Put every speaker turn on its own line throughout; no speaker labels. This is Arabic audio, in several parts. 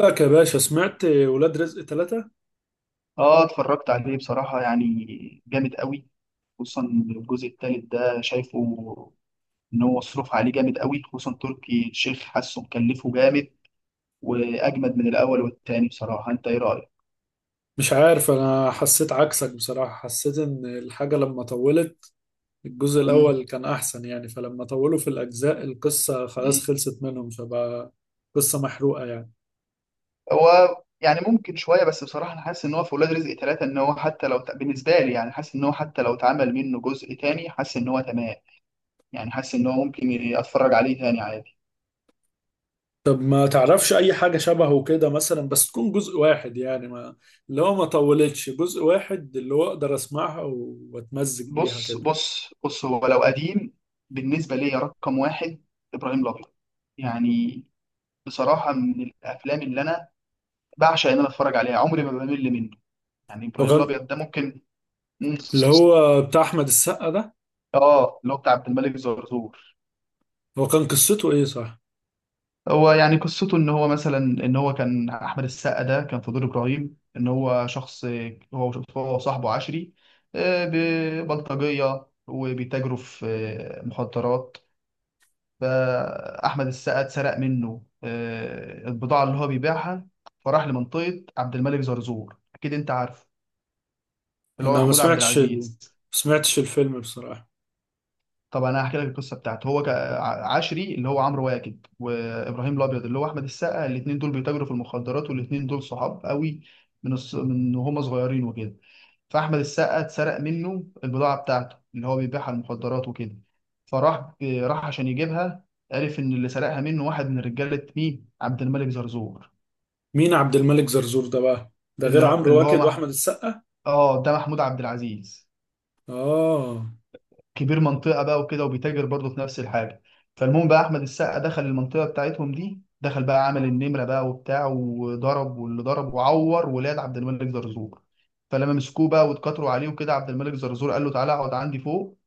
لك يا باشا، سمعت ولاد رزق ثلاثة؟
اه، اتفرجت عليه بصراحة يعني جامد قوي. خصوصا الجزء الثالث ده شايفه ان هو مصروف عليه جامد قوي، خصوصا تركي الشيخ حاسه مكلفه جامد، واجمد من الاول والتاني بصراحة. انت ايه رأيك؟
مش عارف، انا حسيت عكسك بصراحة. حسيت ان الحاجة لما طولت الجزء
مم.
الاول كان احسن، يعني فلما طولوا في الاجزاء القصة
مم.
خلاص خلصت منهم، فبقى قصة محروقة يعني.
هو يعني ممكن شوية، بس بصراحة انا حاسس ان هو في ولاد رزق ثلاثة، ان هو حتى لو بالنسبة لي يعني حاسس ان هو حتى لو اتعمل منه جزء تاني حاسس ان هو تمام. يعني حاسس ان هو ممكن اتفرج عليه تاني عادي.
طب ما تعرفش اي حاجة شبهه كده مثلا، بس تكون جزء واحد، يعني ما، اللي هو ما طولتش، جزء واحد اللي هو اقدر اسمعها واتمزج بيها
بص
كده.
بص بص، هو لو قديم بالنسبة لي رقم واحد إبراهيم الأبيض يعني. بصراحة من الأفلام اللي أنا بعشق إن أنا أتفرج عليها، عمري ما بمل منه. يعني إبراهيم
وكان
الأبيض ده ممكن. مم.
اللي هو بتاع احمد السقا ده،
آه، اللي هو بتاع عبد الملك زرزور.
هو كان قصته ايه، صح؟
هو يعني قصته إن هو مثلا إن هو كان أحمد السقا ده كان في دور إبراهيم، إن هو شخص هو صاحبه عشري، ببلطجية وبيتاجروا في مخدرات. فأحمد السقا اتسرق منه البضاعة اللي هو بيبيعها، فراح لمنطقة عبد الملك زرزور. أكيد أنت عارف، اللي هو
انا
محمود عبد
ما
العزيز.
سمعتش الفيلم بصراحة.
طبعا أنا هحكي لك القصة بتاعته. هو عشري اللي هو عمرو واكد، وإبراهيم الأبيض اللي هو أحمد السقا، الاتنين دول بيتاجروا في المخدرات، والاتنين دول صحاب قوي من وهم صغيرين وكده. فأحمد السقا اتسرق منه البضاعة بتاعته اللي هو بيبيعها، المخدرات وكده، فراح عشان يجيبها. عرف إن اللي سرقها منه واحد من رجالة مين؟ عبد الملك زرزور.
مين عبد الملك زرزور ده بقى؟ ده
اللي
غير
هو
عمرو
اللي هو
واكد
مح...
واحمد السقا.
اه، ده محمود عبد العزيز،
اه،
كبير منطقة بقى وكده، وبيتاجر برضه في نفس الحاجة. فالمهم بقى أحمد السقا دخل المنطقة بتاعتهم دي، دخل بقى عمل النمرة بقى وبتاع، وضرب واللي ضرب، وعور ولاد عبد الملك زرزور. فلما مسكوه بقى واتكتروا عليه وكده، عبد الملك زرزور قال له تعالى اقعد عندي فوق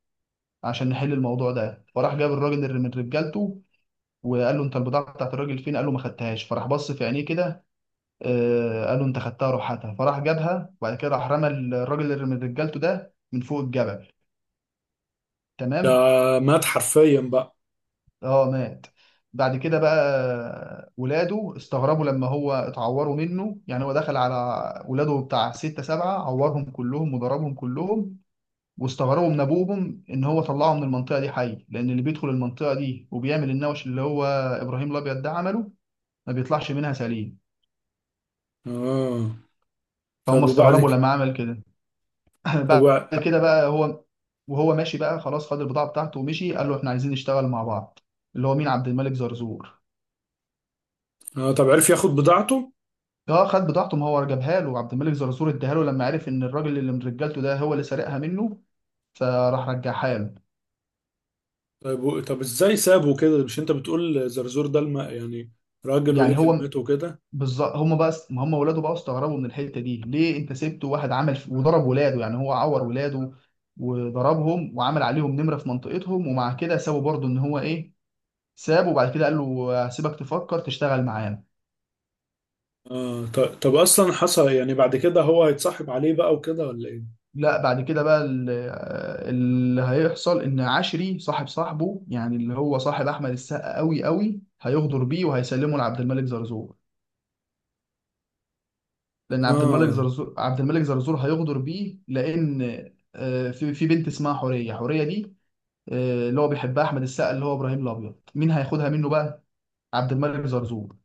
عشان نحل الموضوع ده. فراح جاب الراجل اللي من رجالته وقال له انت البضاعه بتاعت الراجل فين؟ قال له ما خدتهاش. فراح بص في عينيه كده، آه، قال له انت خدتها، روح هاتها. فراح جابها، وبعد كده راح رمى الراجل اللي من رجالته ده من فوق الجبل.
ده
تمام.
مات حرفيا بقى؟
اه، مات. بعد كده بقى ولاده استغربوا لما هو اتعوروا منه، يعني هو دخل على ولاده بتاع ستة سبعة، عورهم كلهم وضربهم كلهم. واستغربوا من ابوهم ان هو طلعه من المنطقه دي حي، لان اللي بيدخل المنطقه دي وبيعمل النوش اللي هو ابراهيم الابيض ده عمله، ما بيطلعش منها سليم.
اه، طب
فهم
وبعد
استغربوا
كده؟
لما عمل كده.
طب
بعد
وع...
كده بقى هو وهو ماشي بقى خلاص، خد البضاعه بتاعته ومشي، قال له احنا عايزين نشتغل مع بعض. اللي هو مين؟ عبد الملك زرزور.
آه طب عرف ياخد بضاعته؟
اه، خد بضاعته. ما هو جابها له عبد الملك زرزور، اداها له لما عرف ان الراجل اللي من رجالته ده هو اللي سرقها منه، فراح رجعها له.
طب ازاي سابه كده؟ مش انت بتقول زرزور ده يعني راجل وليه
يعني هو
كلمته وكده؟
بالظبط. هم بقى، ما هم ولاده بقى استغربوا من الحته دي، ليه انت سبت واحد عمل وضرب ولاده؟ يعني هو عور ولاده وضربهم، وعمل عليهم نمره في منطقتهم، ومع كده سابوا برضه. ان هو ايه، سابه وبعد كده قال له هسيبك تفكر تشتغل معانا.
اه، طب اصلا حصل يعني بعد كده هو هيتصاحب عليه بقى وكده، ولا ايه؟
لا، بعد كده بقى اللي هيحصل ان عشري صاحب صاحبه، يعني اللي هو صاحب احمد السقا قوي قوي، هيغدر بيه وهيسلمه لعبد الملك زرزور، لان عبد الملك
اه،
زرزور هيغدر بيه. لان آه، في بنت اسمها حوريه، حوريه دي اللي هو بيحبها احمد السقا اللي هو ابراهيم الابيض، مين هياخدها منه بقى؟ عبد الملك زرزور.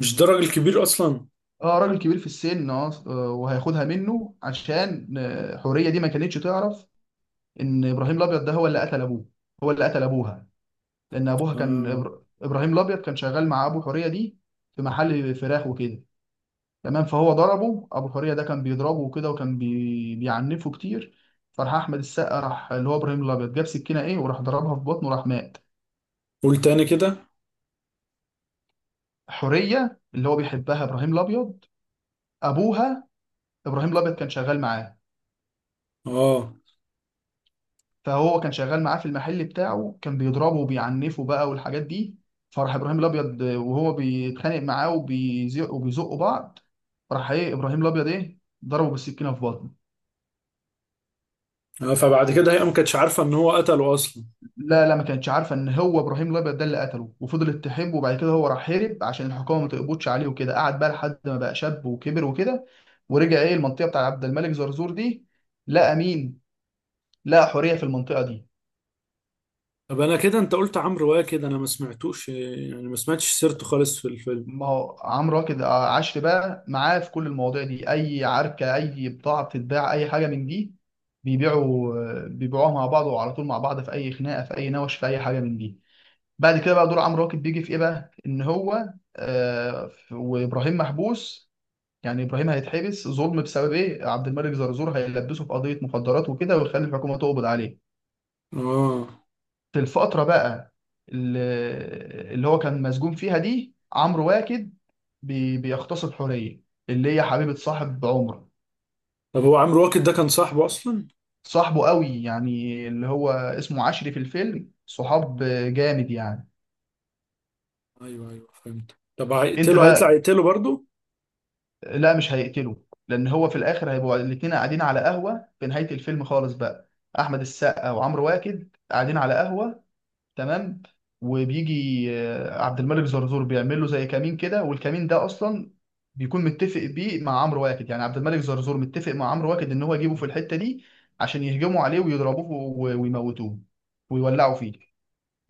مش ده راجل كبير اصلا؟
اه، راجل كبير في السن، اه، وهياخدها منه عشان حوريه دي ما كانتش تعرف ان ابراهيم الابيض ده هو اللي قتل ابوه. هو اللي قتل ابوها. لان ابوها كان
اه،
ابراهيم الابيض كان شغال مع ابو حوريه دي في محل فراخ وكده. تمام. فهو ضربه. ابو حوريه ده كان بيضربه وكده، وكان بيعنفه كتير. فراح احمد السقا، راح اللي هو ابراهيم الابيض، جاب سكينه ايه وراح ضربها في بطنه، وراح مات.
قول تاني كده.
حوريه اللي هو بيحبها ابراهيم الابيض، ابوها، ابراهيم الابيض كان شغال معاه.
اه.
فهو كان شغال معاه في المحل بتاعه، كان بيضربه وبيعنفه بقى والحاجات دي. فراح ابراهيم الابيض وهو بيتخانق معاه وبيزق، وبيزقوا بعض، راح ايه ابراهيم الابيض ايه ضربه بالسكينه في بطنه.
فبعد كده هي ما كانتش عارفه ان هو قتله اصلا؟
لا لا، ما كانتش عارفه ان هو ابراهيم الابيض ده اللي قتله، وفضلت تحبه. وبعد كده هو راح هرب عشان الحكومه ما تقبضش عليه وكده، قعد بقى لحد ما بقى شاب وكبر وكده، ورجع ايه المنطقه بتاع عبد الملك زرزور دي، لقى مين؟ لقى حوريه في المنطقه دي.
طب انا كده، انت قلت عمرو واكد انا ما سمعتوش، يعني ما سمعتش سيرته خالص في الفيلم.
ما هو عمرو واكد عشر بقى معاه في كل المواضيع دي، اي عركه، اي بضاعه بتتباع، اي حاجه من دي بيبيعوا، بيبيعوها مع بعض، وعلى طول مع بعض في اي خناقه في اي نوش في اي حاجه من دي. بعد كده بقى دور عمرو واكد بيجي في ايه بقى؟ ان هو آه، وابراهيم محبوس، يعني ابراهيم هيتحبس ظلم بسبب ايه؟ عبد الملك زرزور هيلبسه في قضيه مخدرات وكده، ويخلي الحكومه تقبض عليه.
اه،
في الفترة بقى ال- اللي هو كان مسجون فيها دي، عمرو واكد بيغتصب حورية، اللي هي حبيبة صاحب عمر.
طب هو عمرو واكد ده كان صاحبه اصلا؟
صاحبه قوي يعني، اللي هو اسمه عشري في الفيلم، صحاب جامد يعني.
ايوه ايوه، فهمت. طب
انت
هيقتله، هيطلع
بقى،
يقتله برضه؟
لا مش هيقتله، لان هو في الاخر هيبقوا الاتنين قاعدين على قهوة في نهاية الفيلم خالص بقى، احمد السقا وعمرو واكد قاعدين على قهوة. تمام. وبيجي آه، عبد الملك زرزور بيعمل له زي كمين كده، والكمين ده اصلا بيكون متفق بيه مع عمرو واكد، يعني عبد الملك زرزور متفق مع عمرو واكد ان هو يجيبه في الحته دي عشان يهجموا عليه ويضربوه ويموتوه ويولعوا فيه.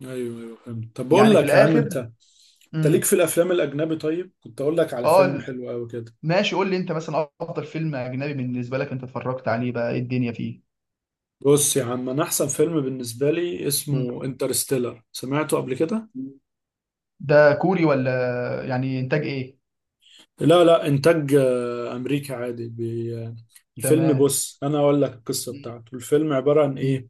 ايوه ايوه، فهمت. طب بقول
يعني في
لك يا عم، انت
الاخر.
انت ليك
امم،
في الافلام الاجنبي؟ طيب كنت اقول لك على
اه
فيلم حلو قوي كده.
ماشي، قول لي انت مثلا افضل فيلم اجنبي بالنسبه لك انت اتفرجت عليه بقى ايه الدنيا فيه.
بص يا عم، انا احسن فيلم بالنسبه لي
مم.
اسمه انترستيلر، سمعته قبل كده؟
ده كوري ولا يعني انتاج ايه؟
لا لا، انتاج امريكا عادي. بي... آه، الفيلم،
تمام.
بص انا اقول لك القصه
مم.
بتاعته، الفيلم عباره عن
مم.
ايه.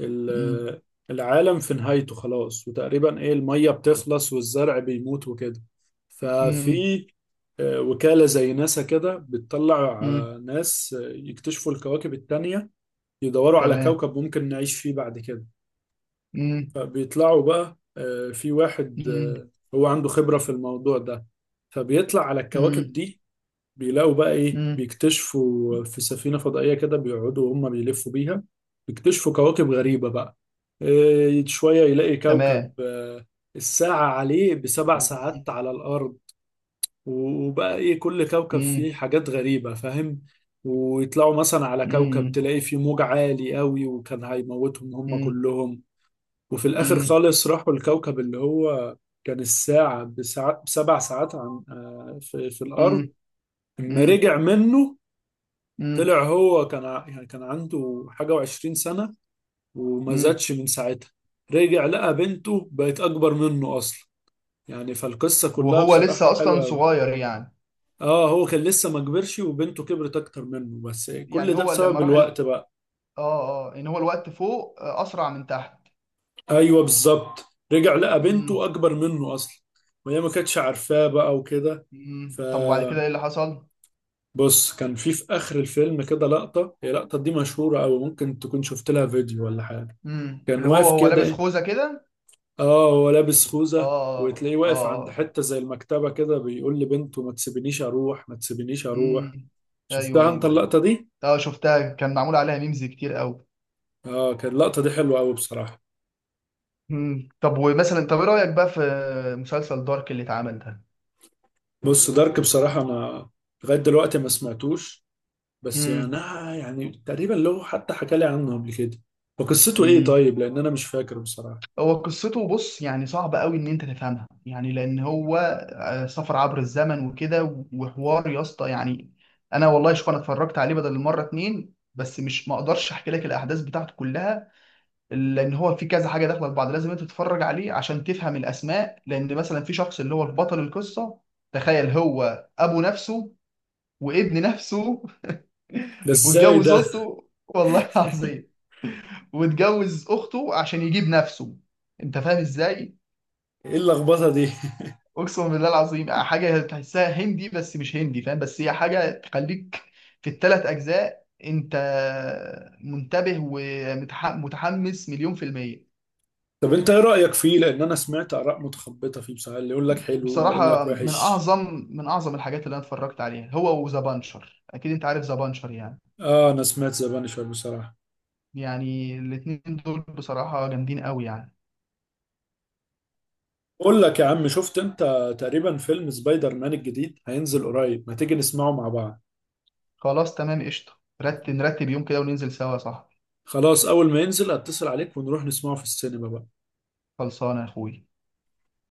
ال...
مم.
آه، العالم في نهايته خلاص، وتقريبا ايه، الميه بتخلص والزرع بيموت وكده.
مم.
ففي وكاله زي ناسا كده بتطلع
مم.
ناس يكتشفوا الكواكب التانيه، يدوروا على
تمام.
كوكب ممكن نعيش فيه بعد كده.
مم،
فبيطلعوا بقى، في واحد
مم،
هو عنده خبره في الموضوع ده، فبيطلع على الكواكب
مم،
دي. بيلاقوا بقى ايه،
مم.
بيكتشفوا في سفينة فضائية كده، بيقعدوا وهم بيلفوا بيها، بيكتشفوا كواكب غريبة بقى. إيه، شوية يلاقي كوكب
تمام.
الساعة عليه بسبع ساعات
مم،
على الأرض، وبقى ايه، كل كوكب
مم،
فيه حاجات غريبة، فاهم؟ ويطلعوا مثلا على كوكب
مم،
تلاقي فيه موج عالي قوي، وكان هيموتهم هم
مم،
كلهم. وفي الآخر
مم،
خالص راحوا الكوكب اللي هو كان الساعة بسبع ساعات عن في الأرض،
مم،
اما
مم،
رجع منه
مم.
طلع، هو كان يعني كان عنده حاجة وعشرين سنة وما
مم.
زادش من ساعتها. رجع لقى بنته بقت أكبر منه أصلا، يعني فالقصة كلها
وهو لسه
بصراحة
اصلا
حلوة أوي.
صغير يعني؟
آه، هو كان لسه ما كبرش، وبنته كبرت أكتر منه، بس كل
يعني
ده
هو لما
بسبب
راح
الوقت
ال...
بقى.
اه اه، ان هو الوقت فوق آه، اسرع من تحت.
أيوه، بالظبط، رجع لقى
مم،
بنته أكبر منه أصلا، وهي ما كانتش عارفاه بقى وكده.
مم. طب وبعد كده
فبص،
ايه اللي حصل؟
كان في، في آخر الفيلم كده لقطة، هي اللقطة دي مشهورة أوي، ممكن تكون شفت لها فيديو ولا حاجة.
مم.
كان
اللي هو
واقف
هو لابس
كده.
خوذة كده.
اه، هو لابس
اه،
خوذة،
اه،
وتلاقيه واقف عند
آه.
حتة زي المكتبة كده، بيقول لبنته: ما تسيبنيش اروح، ما تسيبنيش اروح.
مم. ايوه
شفتها انت
ايوه ايوه.
اللقطة دي؟
اه، شفتها، كان معمول عليها ميمز كتير قوي.
اه، كانت اللقطة دي حلوة قوي بصراحة.
مم. طب ومثلا طب ايه رأيك بقى في مسلسل دارك اللي اتعمل ده؟
بص، دارك بصراحة انا لغاية دلوقتي ما سمعتوش، بس يعني
امم.
يعني تقريبا، لو حتى حكى لي عنه قبل كده وقصته ايه
امم.
طيب، لان انا مش فاكر بصراحة.
هو قصته بص يعني صعب قوي ان انت تفهمها، يعني لان هو آه، سفر عبر الزمن وكده، وحوار يا اسطى يعني. انا والله شوف، انا اتفرجت عليه بدل المره اتنين، بس مش ما اقدرش احكي لك الاحداث بتاعته كلها، لان هو في كذا حاجه داخله في بعض. لازم انت تتفرج عليه عشان تفهم الاسماء، لان مثلا في شخص اللي هو البطل القصه، تخيل هو ابو نفسه، وابن نفسه،
ده ازاي
واتجوز
ده؟
اخته والله العظيم، واتجوز اخته عشان يجيب نفسه. انت فاهم ازاي؟
ايه اللخبطة دي؟
اقسم بالله العظيم حاجه تحسها هندي بس مش هندي فاهم، بس هي حاجه تخليك في الثلاث اجزاء انت منتبه ومتحمس 1,000,000%.
طب انت ايه رأيك فيه؟ لان انا سمعت اراء متخبطة فيه بصراحة، اللي يقول لك حلو واللي يقول
بصراحة
لك
من
وحش.
أعظم الحاجات اللي أنا اتفرجت عليها هو وذا بانشر. أكيد أنت عارف ذا بانشر يعني.
اه، انا سمعت ذا بانشر بصراحة.
يعني الاتنين دول بصراحة جامدين قوي يعني.
بقول لك يا عم، شفت انت تقريبا فيلم سبايدر مان الجديد هينزل قريب؟ ما تيجي نسمعه مع بعض.
خلاص تمام قشطة. نرتب يوم كده وننزل سوا صح.
خلاص، اول ما ينزل اتصل عليك ونروح نسمعه في السينما بقى.
خلصانه يا اخوي.